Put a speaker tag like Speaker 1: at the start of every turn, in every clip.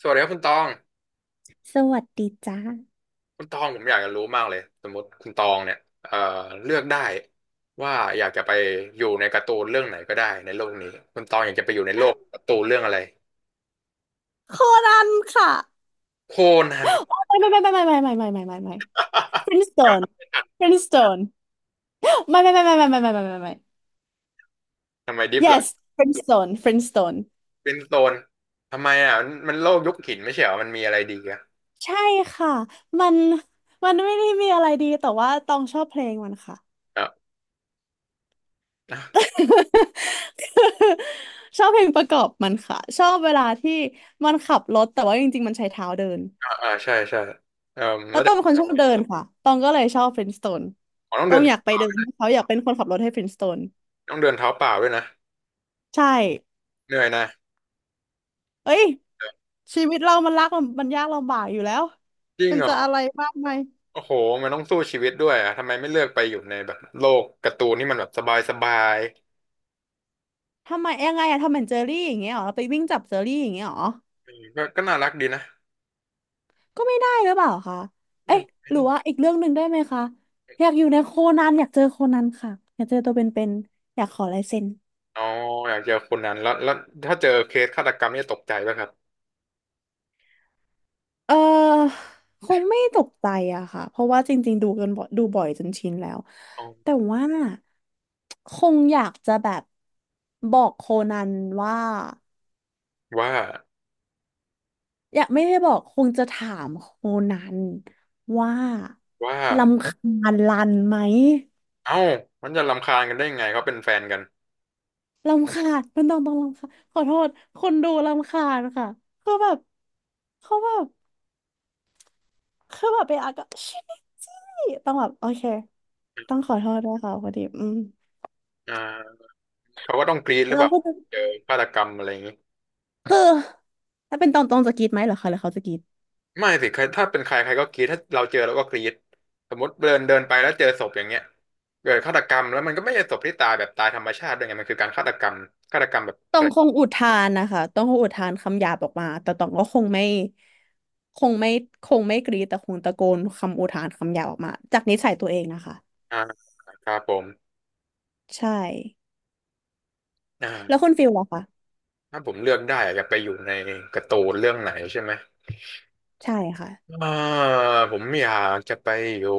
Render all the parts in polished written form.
Speaker 1: สวัสดีครับคุณตอง
Speaker 2: สวัสดีจ้า
Speaker 1: คุณตองผมอยากจะรู้มากเลยสมมติคุณตองเนี่ยเอ่อเลือกได้ว่าอยากจะไปอยู่ในการ์ตูนเรื่องไหนก็ได้ในโลกนี้คุณตองอยากจะไปอยู่ในโลกการ์ตูนเรื่องอะไร
Speaker 2: โคนันค่ะ
Speaker 1: โคนั
Speaker 2: โอ้
Speaker 1: น
Speaker 2: ไม่ไม่ไม่ไม่ไม่ไม่ไม่ไม่ไม่ไม่ไม่
Speaker 1: ยัง
Speaker 2: Friendstone
Speaker 1: ไม่ทัน
Speaker 2: Friendstone ไม่ไม่ไม่ไม่ไม่ไม่ไม่ไม่ไม่ไม่
Speaker 1: ทำไมดิฟหล่ก
Speaker 2: yes Friendstone Friendstone
Speaker 1: เป็นโซนทำไมมันโลกยุคหินไม่ใช่เหรอมันมีอะไรดีอ่ะ
Speaker 2: ใช่ค่ะมันมันไม่ได้มีอะไรดีแต่ว่าตองชอบเพลงมันค่ะ
Speaker 1: อ่ะอ่า
Speaker 2: ชอบเพลงประกอบมันค่ะชอบเวลาที่มันขับรถแต่ว่าจริงๆมันใช้เท้าเดิน
Speaker 1: อ่าใช่ใช่เอ่อ
Speaker 2: แล้
Speaker 1: แล้
Speaker 2: ว
Speaker 1: ว
Speaker 2: ต้องเป็น
Speaker 1: แต่
Speaker 2: คนชอบเดินค่ะตองก็เลยชอบ Friendstone
Speaker 1: อ๋อต้อง
Speaker 2: ต้อ
Speaker 1: เดิ
Speaker 2: ง
Speaker 1: น
Speaker 2: อยากไปเดินให้เขาอยากเป็นคนขับรถให้ Friendstone
Speaker 1: ต้องเดินเท้าเปล่าด้วยนะ
Speaker 2: ใช่
Speaker 1: เหนื่อยนะ
Speaker 2: เอ้ยชีวิตเรามันรักมันยากลำบากอยู่แล้ว
Speaker 1: จริง
Speaker 2: มัน
Speaker 1: เหร
Speaker 2: จะ
Speaker 1: อ
Speaker 2: อะไรมากไหมาย
Speaker 1: โอ้โหมันต้องสู้ชีวิตด้วยอ่ะทำไมไม่เลือกไปอยู่ในแบบโลกการ์ตูนที่มันแบบสบายสบาย
Speaker 2: ทำไมยังไงอะทำเหมือนเจอรี่อย่างเงี้ยเหรอไปวิ่งจับเจอรี่อย่างเงี้ยเหรอ
Speaker 1: ก็น่ารักดีนะ
Speaker 2: ก็ไม่ได้หรือเปล่าคะเอ๊ะ
Speaker 1: จำไม่
Speaker 2: หรื
Speaker 1: ได้
Speaker 2: อว่าอีกเรื่องหนึ่งได้ไหมคะอยากอยู่ในโคนันอยากเจอโคนันค่ะอยากเจอตัวเป็นๆอยากขอลายเซ็น
Speaker 1: อ๋ออยากเจอคนนั้นแล้วถ้าเจอเคสฆาตกรรมนี่จะตกใจป่ะครับ
Speaker 2: เออคงไม่ตกใจอะค่ะเพราะว่าจริงๆดูกันบ่อยดูบ่อยจนชินแล้ว
Speaker 1: อ๋อ
Speaker 2: แต่ว่าคงอยากจะแบบบอกโคนันว่า
Speaker 1: ว่า
Speaker 2: อยากไม่ได้บอกคงจะถามโคนันว่า
Speaker 1: ว่า
Speaker 2: รำคาญรันไหม
Speaker 1: เอ้ามันจะรำคาญกันได้ยังไงเขาเป็นแฟนกัน
Speaker 2: รำคาญมันต้องรำคาญขอโทษคนดูรำคาญค่ะคือแบบเขาแบบคือแบบไปอ่ะก็ชิจี้ต้องแบบโอเคต้องขอโทษด้วยค่ะพอดี
Speaker 1: อ่าเขาก็ต้องกรี๊ดห
Speaker 2: แล้
Speaker 1: รือ
Speaker 2: ว
Speaker 1: แบบ
Speaker 2: ก็
Speaker 1: เ
Speaker 2: ค
Speaker 1: เจอฆาตกรรมอะไรอย่างนี้
Speaker 2: ือถ้าเป็นตองตองจะกรีดไหมเหรอคะหรือเขาจะกรีด
Speaker 1: ไม่สิใครถ้าเป็นใครใครก็กรี๊ดถ้าเราเจอเราก็กรี๊ดสมมติเดินเดินไปแล้วเจอศพอย่างเงี้ยเกิดฆาตกรรมแล้วมันก็ไม่ใช่ศพที่ตายแบบตายธรรมชาติด้วยไงมันคือการฆาตกรรมฆาตกรรมแบบ
Speaker 2: ต
Speaker 1: แผ
Speaker 2: อ
Speaker 1: ล
Speaker 2: งคงอุทานนะคะตองคงอุทานคำหยาบออกมาแต่ตองก็คงไม่คงไม่คงไม่กรีดแต่คงตะโกนคำอุทานคำหยาบออกมาจากนิสัยตัวเองนะคะ
Speaker 1: อ่าครับผม
Speaker 2: ใช่
Speaker 1: อ่า
Speaker 2: แล้วคุณฟิลล่ะคะ
Speaker 1: ถ้าผมเลือกได้อยากไปอยู่ในการ์ตูนเรื่องไหนใช่ไหม
Speaker 2: ใช่ค่ะ
Speaker 1: อ่าผมอยากจะไปอยู่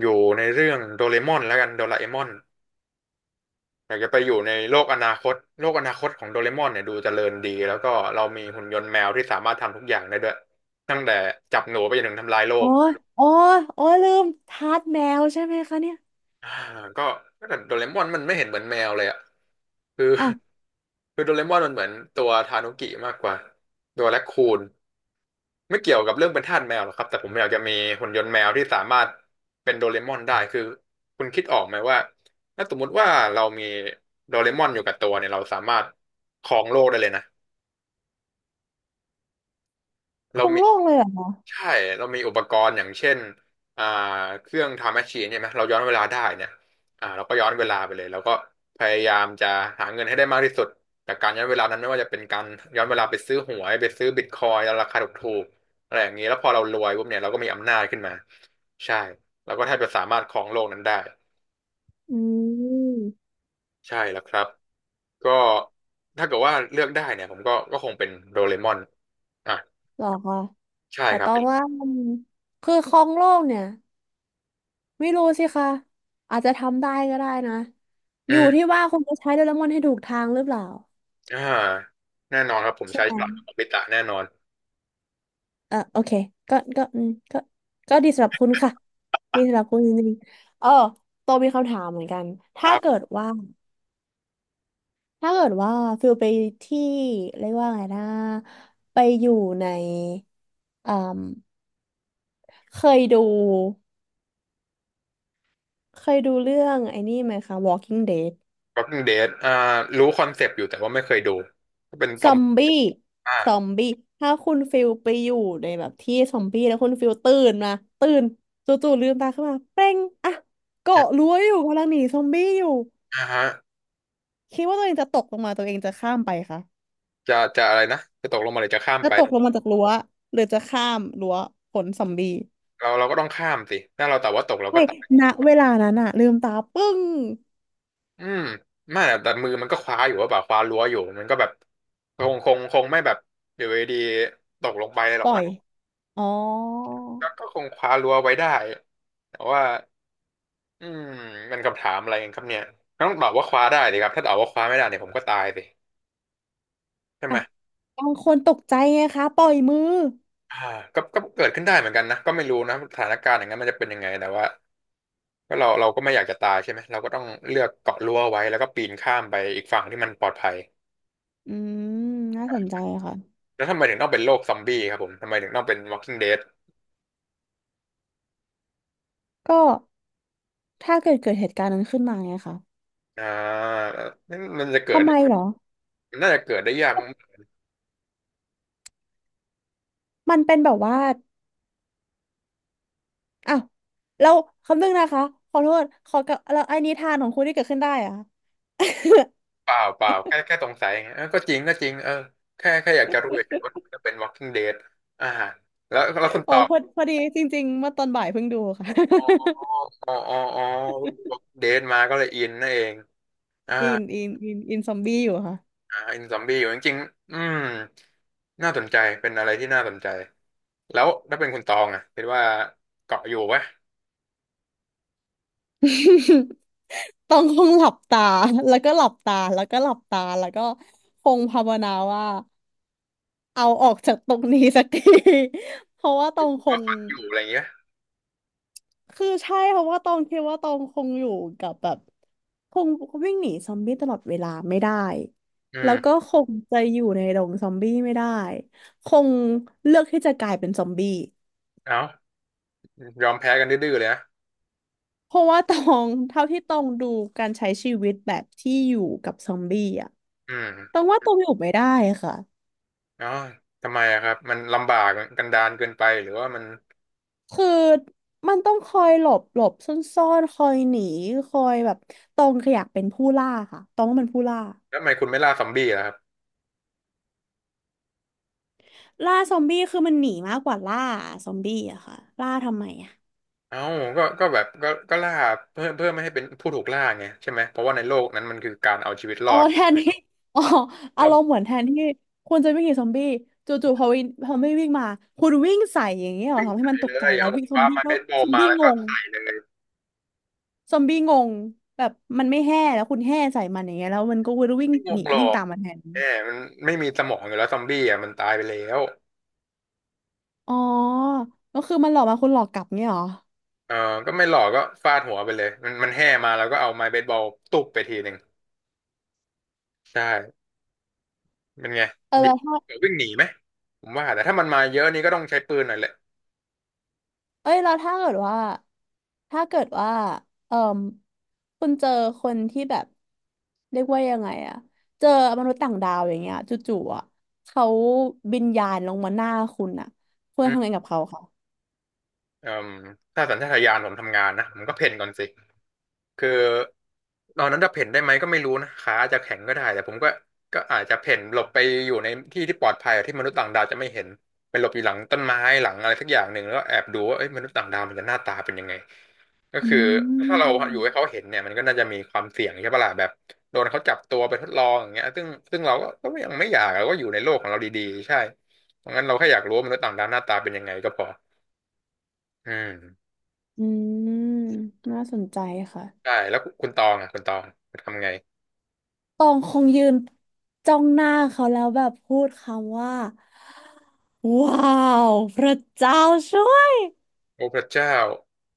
Speaker 1: อยู่ในเรื่องโดเรมอนแล้วกันโดราเอมอน อยากจะไปอยู่ในโลกอนาคตโลกอนาคตของโดเรมอนเนี่ยดูเจริญดีแล้วก็เรามีหุ่นยนต์แมวที่สามารถทำทุกอย่างได้ด้วยตั้งแต่จับหนูไปจนถึงทำลายโล
Speaker 2: อ๋อ
Speaker 1: ก
Speaker 2: อ๋ออ๋อลืมทาสแมวใช่ไหมคะเนี่ย
Speaker 1: อ่าก็ก็แต่โดเรมอนมันไม่เห็นเหมือนแมวเลยอ่ะคือ
Speaker 2: อ้าว
Speaker 1: คือโดเรมอนมันเหมือนตัวทานุกิมากกว่าตัวแรคคูนไม่เกี่ยวกับเรื่องเป็นทาสแมวหรอกครับแต่ผมอยากจะมีหุ่นยนต์แมวที่สามารถเป็นโดเรมอนได้คือคุณคิดออกไหมว่าถ้าสมมุติว่าเรามีโดเรมอนอยู่กับตัวเนี่ยเราสามารถครองโลกได้เลยนะเรา
Speaker 2: คง
Speaker 1: มี
Speaker 2: โล่งเลยเหรอคะ
Speaker 1: ใช่เรามีอุปกรณ์ อย่างเช่นอ่าเครื่องไทม์แมชชีนเนี่ยไหมเราย้อนเวลาได้เนี่ยอ่าเราก็ย้อนเวลาไปเลยแล้วก็พยายามจะหาเงินให้ได้มากที่สุดจากการย้อนเวลานั้นไม่ว่าจะเป็นการย้อนเวลาไปซื้อหวยไปซื้อบิตคอยน์ราคาถูกๆอะไรอย่างนี้แล้วพอเรารวยปุ๊บเนี่ยเราก็มีอำนาจขึ้นมาใช่เราก็แทบจะสามารถครองโลกนั้นได้
Speaker 2: อืม
Speaker 1: ใช่แล้วครับก็ถ้าเกิดว่าเลือกได้เนี่ยผมก็คงเป็นโดเรมอนอ่ะ
Speaker 2: เหรอคะ
Speaker 1: ใช่
Speaker 2: แต่
Speaker 1: ครั
Speaker 2: ต
Speaker 1: บ
Speaker 2: อ
Speaker 1: เป็
Speaker 2: ง
Speaker 1: น
Speaker 2: ว่ามันคือคลองโลกเนี่ยไม่รู้สิคะอาจจะทำได้ก็ได้นะ
Speaker 1: อื
Speaker 2: อยู่ที่
Speaker 1: ม
Speaker 2: ว่าคุณจะใช้โดเรมอนให้ถูกทางหรือเปล่า
Speaker 1: อ่าแน่นอนครับผม
Speaker 2: ใช่
Speaker 1: ใช้
Speaker 2: ไหม
Speaker 1: ฉลามโงบิตะแน่นอน
Speaker 2: อ่ะโอเคก็ก็ดีสำหรับคุณค่ะดีสำหรับคุณจริงๆเออโตมีคำถามเหมือนกัน
Speaker 1: ค
Speaker 2: ถ้า
Speaker 1: รั
Speaker 2: เกิ
Speaker 1: บ
Speaker 2: ดว่าถ้าเกิดว่าฟิลไปที่เรียกว่าไงนะไปอยู่ในอ่มเคยดูเคยดูเรื่องไอ้นี่ไหมคะ Walking Dead
Speaker 1: Walking Dead อ่ารู้คอนเซปต์อยู่แต่ว่าไม่เคยดูก็เป็นต
Speaker 2: ซ
Speaker 1: อ
Speaker 2: อ
Speaker 1: ม
Speaker 2: มบี้
Speaker 1: อ่า
Speaker 2: ซอมบี้ถ้าคุณฟิลไปอยู่ในแบบที่ซอมบี้แล้วคุณฟิลตื่นมาตื่นจู่ๆลืมตาขึ้นมาเป้งอ่ะเกาะ
Speaker 1: อ
Speaker 2: รั้วอยู่กำลังหนีซอมบี้อยู่
Speaker 1: ่าฮะ
Speaker 2: คิดว่าตัวเองจะตกลงมาตัวเองจะข้ามไปคะ
Speaker 1: จะอะไรนะจะตกลงมาหรือจะข้าม
Speaker 2: จะ
Speaker 1: ไป
Speaker 2: ตกลงมาจากรั้วหรือจะข้ามรั้วขนซอมบี้
Speaker 1: เราก็ต้องข้ามสิถ้าเราแต่ว่าตกเรา
Speaker 2: เฮ้
Speaker 1: ก็
Speaker 2: ย
Speaker 1: ตาย
Speaker 2: ณเวลานั้นอะลืมตาปึ้ง
Speaker 1: อืมไม่แต่มือมันก็คว้าอยู่ว่าแบบคว้ารั้วอยู่มันก็แบบคงไม่แบบอยู่ดีๆตกลงไปหรอ
Speaker 2: ป
Speaker 1: ก
Speaker 2: ล่อ
Speaker 1: มั้
Speaker 2: ย
Speaker 1: ง
Speaker 2: อ๋อ
Speaker 1: ก็คงคว้ารั้วไว้ได้แต่ว่าอืมมันคำถามอะไรกันครับเนี่ยต้องตอบว่าคว้าได้ดิครับถ้าตอบว่าคว้าไม่ได้เนี่ยผมก็ตายสิ ใช่ไห
Speaker 2: อ่ะ
Speaker 1: ม
Speaker 2: บางคนตกใจไงคะปล่อยมือ
Speaker 1: อ่าก็เกิดขึ้นได้เหมือนกันนะก็ไม่รู้นะสถานการณ์อย่างนั้นมันจะเป็นยังไงแต่ว่าก็เราก็ไม่อยากจะตายใช่ไหมเราก็ต้องเลือกเกาะรั้วไว้ แล้วก็ปีนข้ามไปอีกฝั่งที่มันปลอดภัย
Speaker 2: อืมน่าสนใจค่ะ
Speaker 1: แล้วทำไมถึงต้องเป็นโรคซอมบี้ครับผมทำไมถึงต้องเป็น Walking Dead
Speaker 2: ก็ถ้าเกิดเกิดเหตุการณ์นั้นขึ้นมาไงคะ
Speaker 1: อ่านั่นมันจะเกิ
Speaker 2: ทำ
Speaker 1: ด
Speaker 2: ไมเหรอ
Speaker 1: มันน่าจะเกิดได้ยาก
Speaker 2: มันเป็นแบบว่าอ้าวเราคำนึงนะคะขอโทษขอกับเราไอ้นิทานของคุณที่เกิดขึ้นได้อะ
Speaker 1: เปล่าแค่สงสัยไงเออก็จริงเออแค่อยากจะรู้เฉยๆว่าทำไมต้องเป็น Walking Dead อ่าแล้วคุณ
Speaker 2: อ๋
Speaker 1: ต
Speaker 2: อ
Speaker 1: อบ
Speaker 2: พอพอดีจริงๆเมื่อตอนบ่ายเพิ่งดูค่ะ
Speaker 1: อ๋อ อ๋อ Walking Dead มาก็เลยอินนั่นเอง
Speaker 2: อินอินอินอินซอมบี้อยู่ค่ะ
Speaker 1: อ่าอินซอมบี้อยู่จริงๆอืมน่าสนใจเป็นอะไรที่น่าสนใจแล้วถ้าเป็นคุณตองอ่ะคิดว่าเกาะอยู่ปะ
Speaker 2: ต้องคงหลับตาแล้วก็หลับตาแล้วก็หลับตาแล้วก็คงภาวนาว่าเอาออกจากตรงนี้สักที เพราะว่าตองค
Speaker 1: ก็
Speaker 2: ง
Speaker 1: ฝันอยู่อะไรอย่างเงี้ย
Speaker 2: คือใช่เพราะว่าตองคิดว่าตองคงอยู่กับแบบคงวิ่งหนีซอมบี้ตลอดเวลาไม่ได้
Speaker 1: อื
Speaker 2: แล้ว
Speaker 1: ม
Speaker 2: ก็คงจะอยู่ในดงซอมบี้ไม่ได้คงเลือกที่จะกลายเป็นซอมบี้
Speaker 1: เอายอมแพ้กันดื้อๆเลยนะ
Speaker 2: เพราะว่าตองเท่าที่ตองดูการใช้ชีวิตแบบที่อยู่กับซอมบี้อ่ะ
Speaker 1: อื
Speaker 2: ต
Speaker 1: ม
Speaker 2: องว่าตองอยู่ไม่ได้ค่ะ
Speaker 1: เอ้าทำไมอะครับมันลำบากกันดารเกินไปหรือว่ามัน
Speaker 2: คือมันต้องคอยหลบหลบซ่อนซ่อนคอยหนีคอยแบบตองอยากเป็นผู้ล่าค่ะตองว่ามันผู้ล่า
Speaker 1: แล้วทำไมคุณไม่ล่าซอมบี้ล่ะครับ
Speaker 2: ล่าซอมบี้คือมันหนีมากกว่าล่าซอมบี้อะค่ะล่าทำไมอะ
Speaker 1: เอ้าก็แบบก็ล่าเพื่อไม่ให้เป็นผู้ถูกล่าไงใช่ไหมเพราะว่าในโลกนั้นมันคือการเอาชีวิตร
Speaker 2: อ๋อ
Speaker 1: อด
Speaker 2: แทนที่อ๋ออา
Speaker 1: เรา
Speaker 2: รมณ์เหมือนแทนที่คุณจะวิ่งหนีซอมบี้จู่ๆพอวินพอไม่วิ่งมาคุณวิ่งใส่อย่างเงี้ยเหรอทำให้
Speaker 1: ไม่
Speaker 2: มัน
Speaker 1: ใส่
Speaker 2: ต
Speaker 1: เล
Speaker 2: กใจ
Speaker 1: ย
Speaker 2: แล้ว
Speaker 1: เอา
Speaker 2: วิ่งซ
Speaker 1: ป
Speaker 2: อม
Speaker 1: ลา
Speaker 2: บี้
Speaker 1: ไม้
Speaker 2: ก็
Speaker 1: เบสบอ
Speaker 2: ซ
Speaker 1: ล
Speaker 2: อม
Speaker 1: มา
Speaker 2: บี้
Speaker 1: แล้ว
Speaker 2: ง
Speaker 1: ก็
Speaker 2: ง
Speaker 1: ใส่เลย
Speaker 2: ซอมบี้งงแบบมันไม่แห่แล้วคุณแห่ใส่มันอย่างเงี้ยแล้วมันก็วิ่ง
Speaker 1: ไม่ง
Speaker 2: หนี
Speaker 1: งหรอ
Speaker 2: วิ่ง
Speaker 1: ก
Speaker 2: ตามมาแทน
Speaker 1: แหมมันไม่มีสมองอยู่แล้วซอมบี้อ่ะมันตายไปแล้ว
Speaker 2: อ๋อก็คือมันหลอกมาคุณหลอกกลับเงี้ยเหรอ
Speaker 1: เออก็ไม่หลอกก็ฟาดหัวไปเลย มันแห่มาแล้วก็เอาไม้เบสบอลตุบไปทีหนึ่ง ใช่เป็นไง
Speaker 2: เออ
Speaker 1: ดิ
Speaker 2: แล้วถ้า
Speaker 1: เดี๋ยววิ่งหนีไหมผมว่าแต่ถ้ามันมาเยอะนี่ก็ต้องใช้ปืนหน่อยแหละ
Speaker 2: เอ้ยแล้วถ้าเกิดว่าถ้าเกิดว่าเออคุณเจอคนที่แบบเรียกว่ายังไงอะเจอมนุษย์ต่างดาวอย่างเงี้ยจู่ๆอะเขาบินยานลงมาหน้าคุณอะคุณ
Speaker 1: อื
Speaker 2: จะ
Speaker 1: ม
Speaker 2: ทำไงกับเขาคะ
Speaker 1: เอ่มถ้าสัญชาตญาณผมทำงานนะผมก็เพ่นก่อนสิ คือตอนนั้นจะเพ่นได้ไหมก็ไม่รู้นะขาอาจจะแข็งก็ได้แต่ผมก็อาจจะเพ่นหลบไปอยู่ในที่ที่ปลอดภัยอะที่มนุษย์ต่างดาวจะไม่เห็นไปหลบอยู่หลังต้นไม้หลังอะไรสักอย่างหนึ่งแล้วก็แอบดูว่าเอ้ยมนุษย์ต่างดาวมันจะหน้าตาเป็นยังไงก็
Speaker 2: อื
Speaker 1: คือถ้าเราอยู่ให้
Speaker 2: ม
Speaker 1: เขาเห็นเนี่ยมันก็น่าจะมีความเสี่ยงใช่ปะล่ะแบบโดนเขาจับตัวไปทดลองอย่างเงี้ยซึ่งเราก็ยังไม่อยากเราก็อยู่ในโลกของเราดีๆใช่เพราะงั้นเราแค่อยากรู้ว่ามนุษย์ต่างดาวหน้าตาเป็นยังไงก็พออืม
Speaker 2: อืมน่าสนใจค่ะ
Speaker 1: ใช่แล้วคุณตองอ่ะคุณตองคุณทำไง
Speaker 2: ตองคงยืนจ้องหน้าเขาแล้วแบบพูดคำว่าว้าวพระเจ้าช่วย
Speaker 1: โอ้พระเจ้า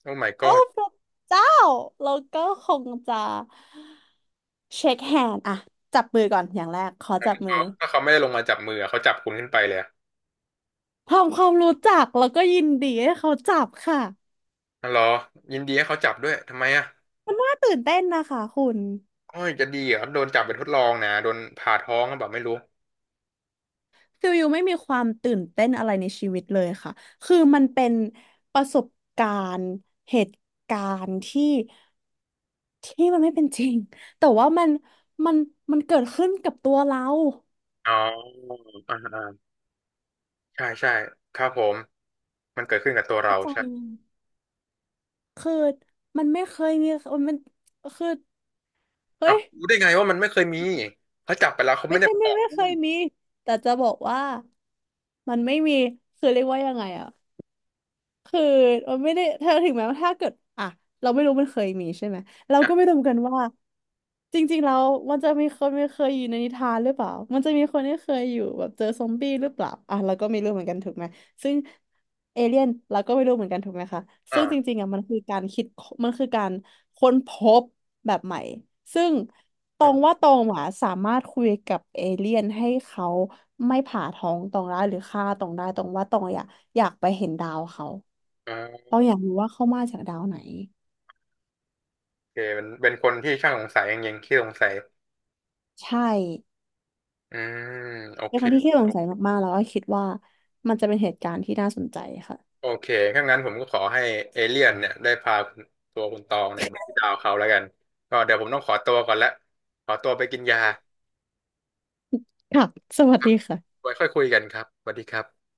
Speaker 1: โอ้ my
Speaker 2: โอ้
Speaker 1: god
Speaker 2: พระเจ้าแล้วก็คงจะเช็คแฮนด์อะจับมือก่อนอย่างแรกขอจับมื
Speaker 1: เขา
Speaker 2: อ
Speaker 1: ถ้าเขาไม่ได้ลงมาจับมืออะเขาจับคุณขึ้นไปเลยอะ
Speaker 2: ทำความรู้จักแล้วก็ยินดีให้เขาจับค่ะ
Speaker 1: อ๋อเหรอยินดีให้เขาจับด้วยทำไมอ่ะ
Speaker 2: น่าตื่นเต้นนะคะคุณ
Speaker 1: โอ้ยจะดีเหรอโดนจับไปนทดลองนะโดนผ่าท้องแบบไม่รู้
Speaker 2: ฟิลยูไม่มีความตื่นเต้นอะไรในชีวิตเลยค่ะคือมันเป็นประสบการณ์เหตุการณ์ที่ ที่มันไม่เป็นจริงแต่ว่ามันมันเกิดขึ้นกับตัวเรา
Speaker 1: อ๋ออ่าอ่าใช่ใช่ครับผมมันเกิดขึ้นกับตัวเรา
Speaker 2: เข้าใจ
Speaker 1: ใช่
Speaker 2: ไหมคือมันไม่เคยมีมันคือ
Speaker 1: อ้า
Speaker 2: เฮ้
Speaker 1: ว
Speaker 2: ย
Speaker 1: รู้ได้ไงว่ามันไม่เคยมีเขาจับไปแล้วเขา
Speaker 2: ไม่
Speaker 1: ไม่ได้
Speaker 2: ใช่
Speaker 1: ไปบ
Speaker 2: ไม่
Speaker 1: อก
Speaker 2: ไม่
Speaker 1: คุ
Speaker 2: เค
Speaker 1: ณ
Speaker 2: ยมีแต่จะบอกว่ามันไม่มีคือเรียกว่ายังไงอะ คือเราไม่ได้ถ้าถึงแม้ว่าถ้าเกิดอ่ะเราไม่รู้มันเคยมีใช่ไหมเรา
Speaker 1: นะ
Speaker 2: ก็ไม่รู้เหมือนกันว่าจริงๆแล้วมันจะมีคนไม่เคยอยู่ในนิทานหรือเปล่ามันจะมีคนที่เคยอยู่แบบเจอซอมบี้หรือเปล่าอ่ะเราก็ไม่รู้เหมือนกันถูกไหมซึ่งเอเลี่ยนเราก็ไม่รู้เหมือนกันถูกไหมคะ
Speaker 1: อ่า
Speaker 2: ซึ่งจริงๆอ่ะมันคือการคิดมันคือการค้นพบแบบใหม่ซึ่งตร
Speaker 1: อ่
Speaker 2: ง
Speaker 1: า
Speaker 2: ว่าตรงอ่ะสามารถคุยกับเอเลี่ยนให้เขาไม่ผ่าท้องตองได้หรือฆ่าตองได้ตรงว่าตองอยากอยากไปเห็นดาวเขา
Speaker 1: อ่า
Speaker 2: เราอยากรู้ว่าเขามาจากดาวไหน
Speaker 1: โอเคเป็นคนที่ช่างสงสัยจริงๆขี้สงสัย
Speaker 2: ใช่
Speaker 1: อืมโอ
Speaker 2: ใน
Speaker 1: เค
Speaker 2: ครั้งที่ขี้สงสัยมากๆแล้วก็คิดว่ามันจะเป็นเหตุการณ์ที่น่าสนใจค่ะ
Speaker 1: โอเคถ้างั้นผมก็ขอให้เอเลี่ยนเนี่ยได้พาคุณตัวคุณตองเนี่ยไปที่ดาวเขาแล้วกันก็เดี๋ยวผมต้องขอตัวก่อนละขอตัวไปกินยา
Speaker 2: ค่ะสวัสดีค่ะ
Speaker 1: ไว้ค่อยคุยกันครับสวัสดีครับ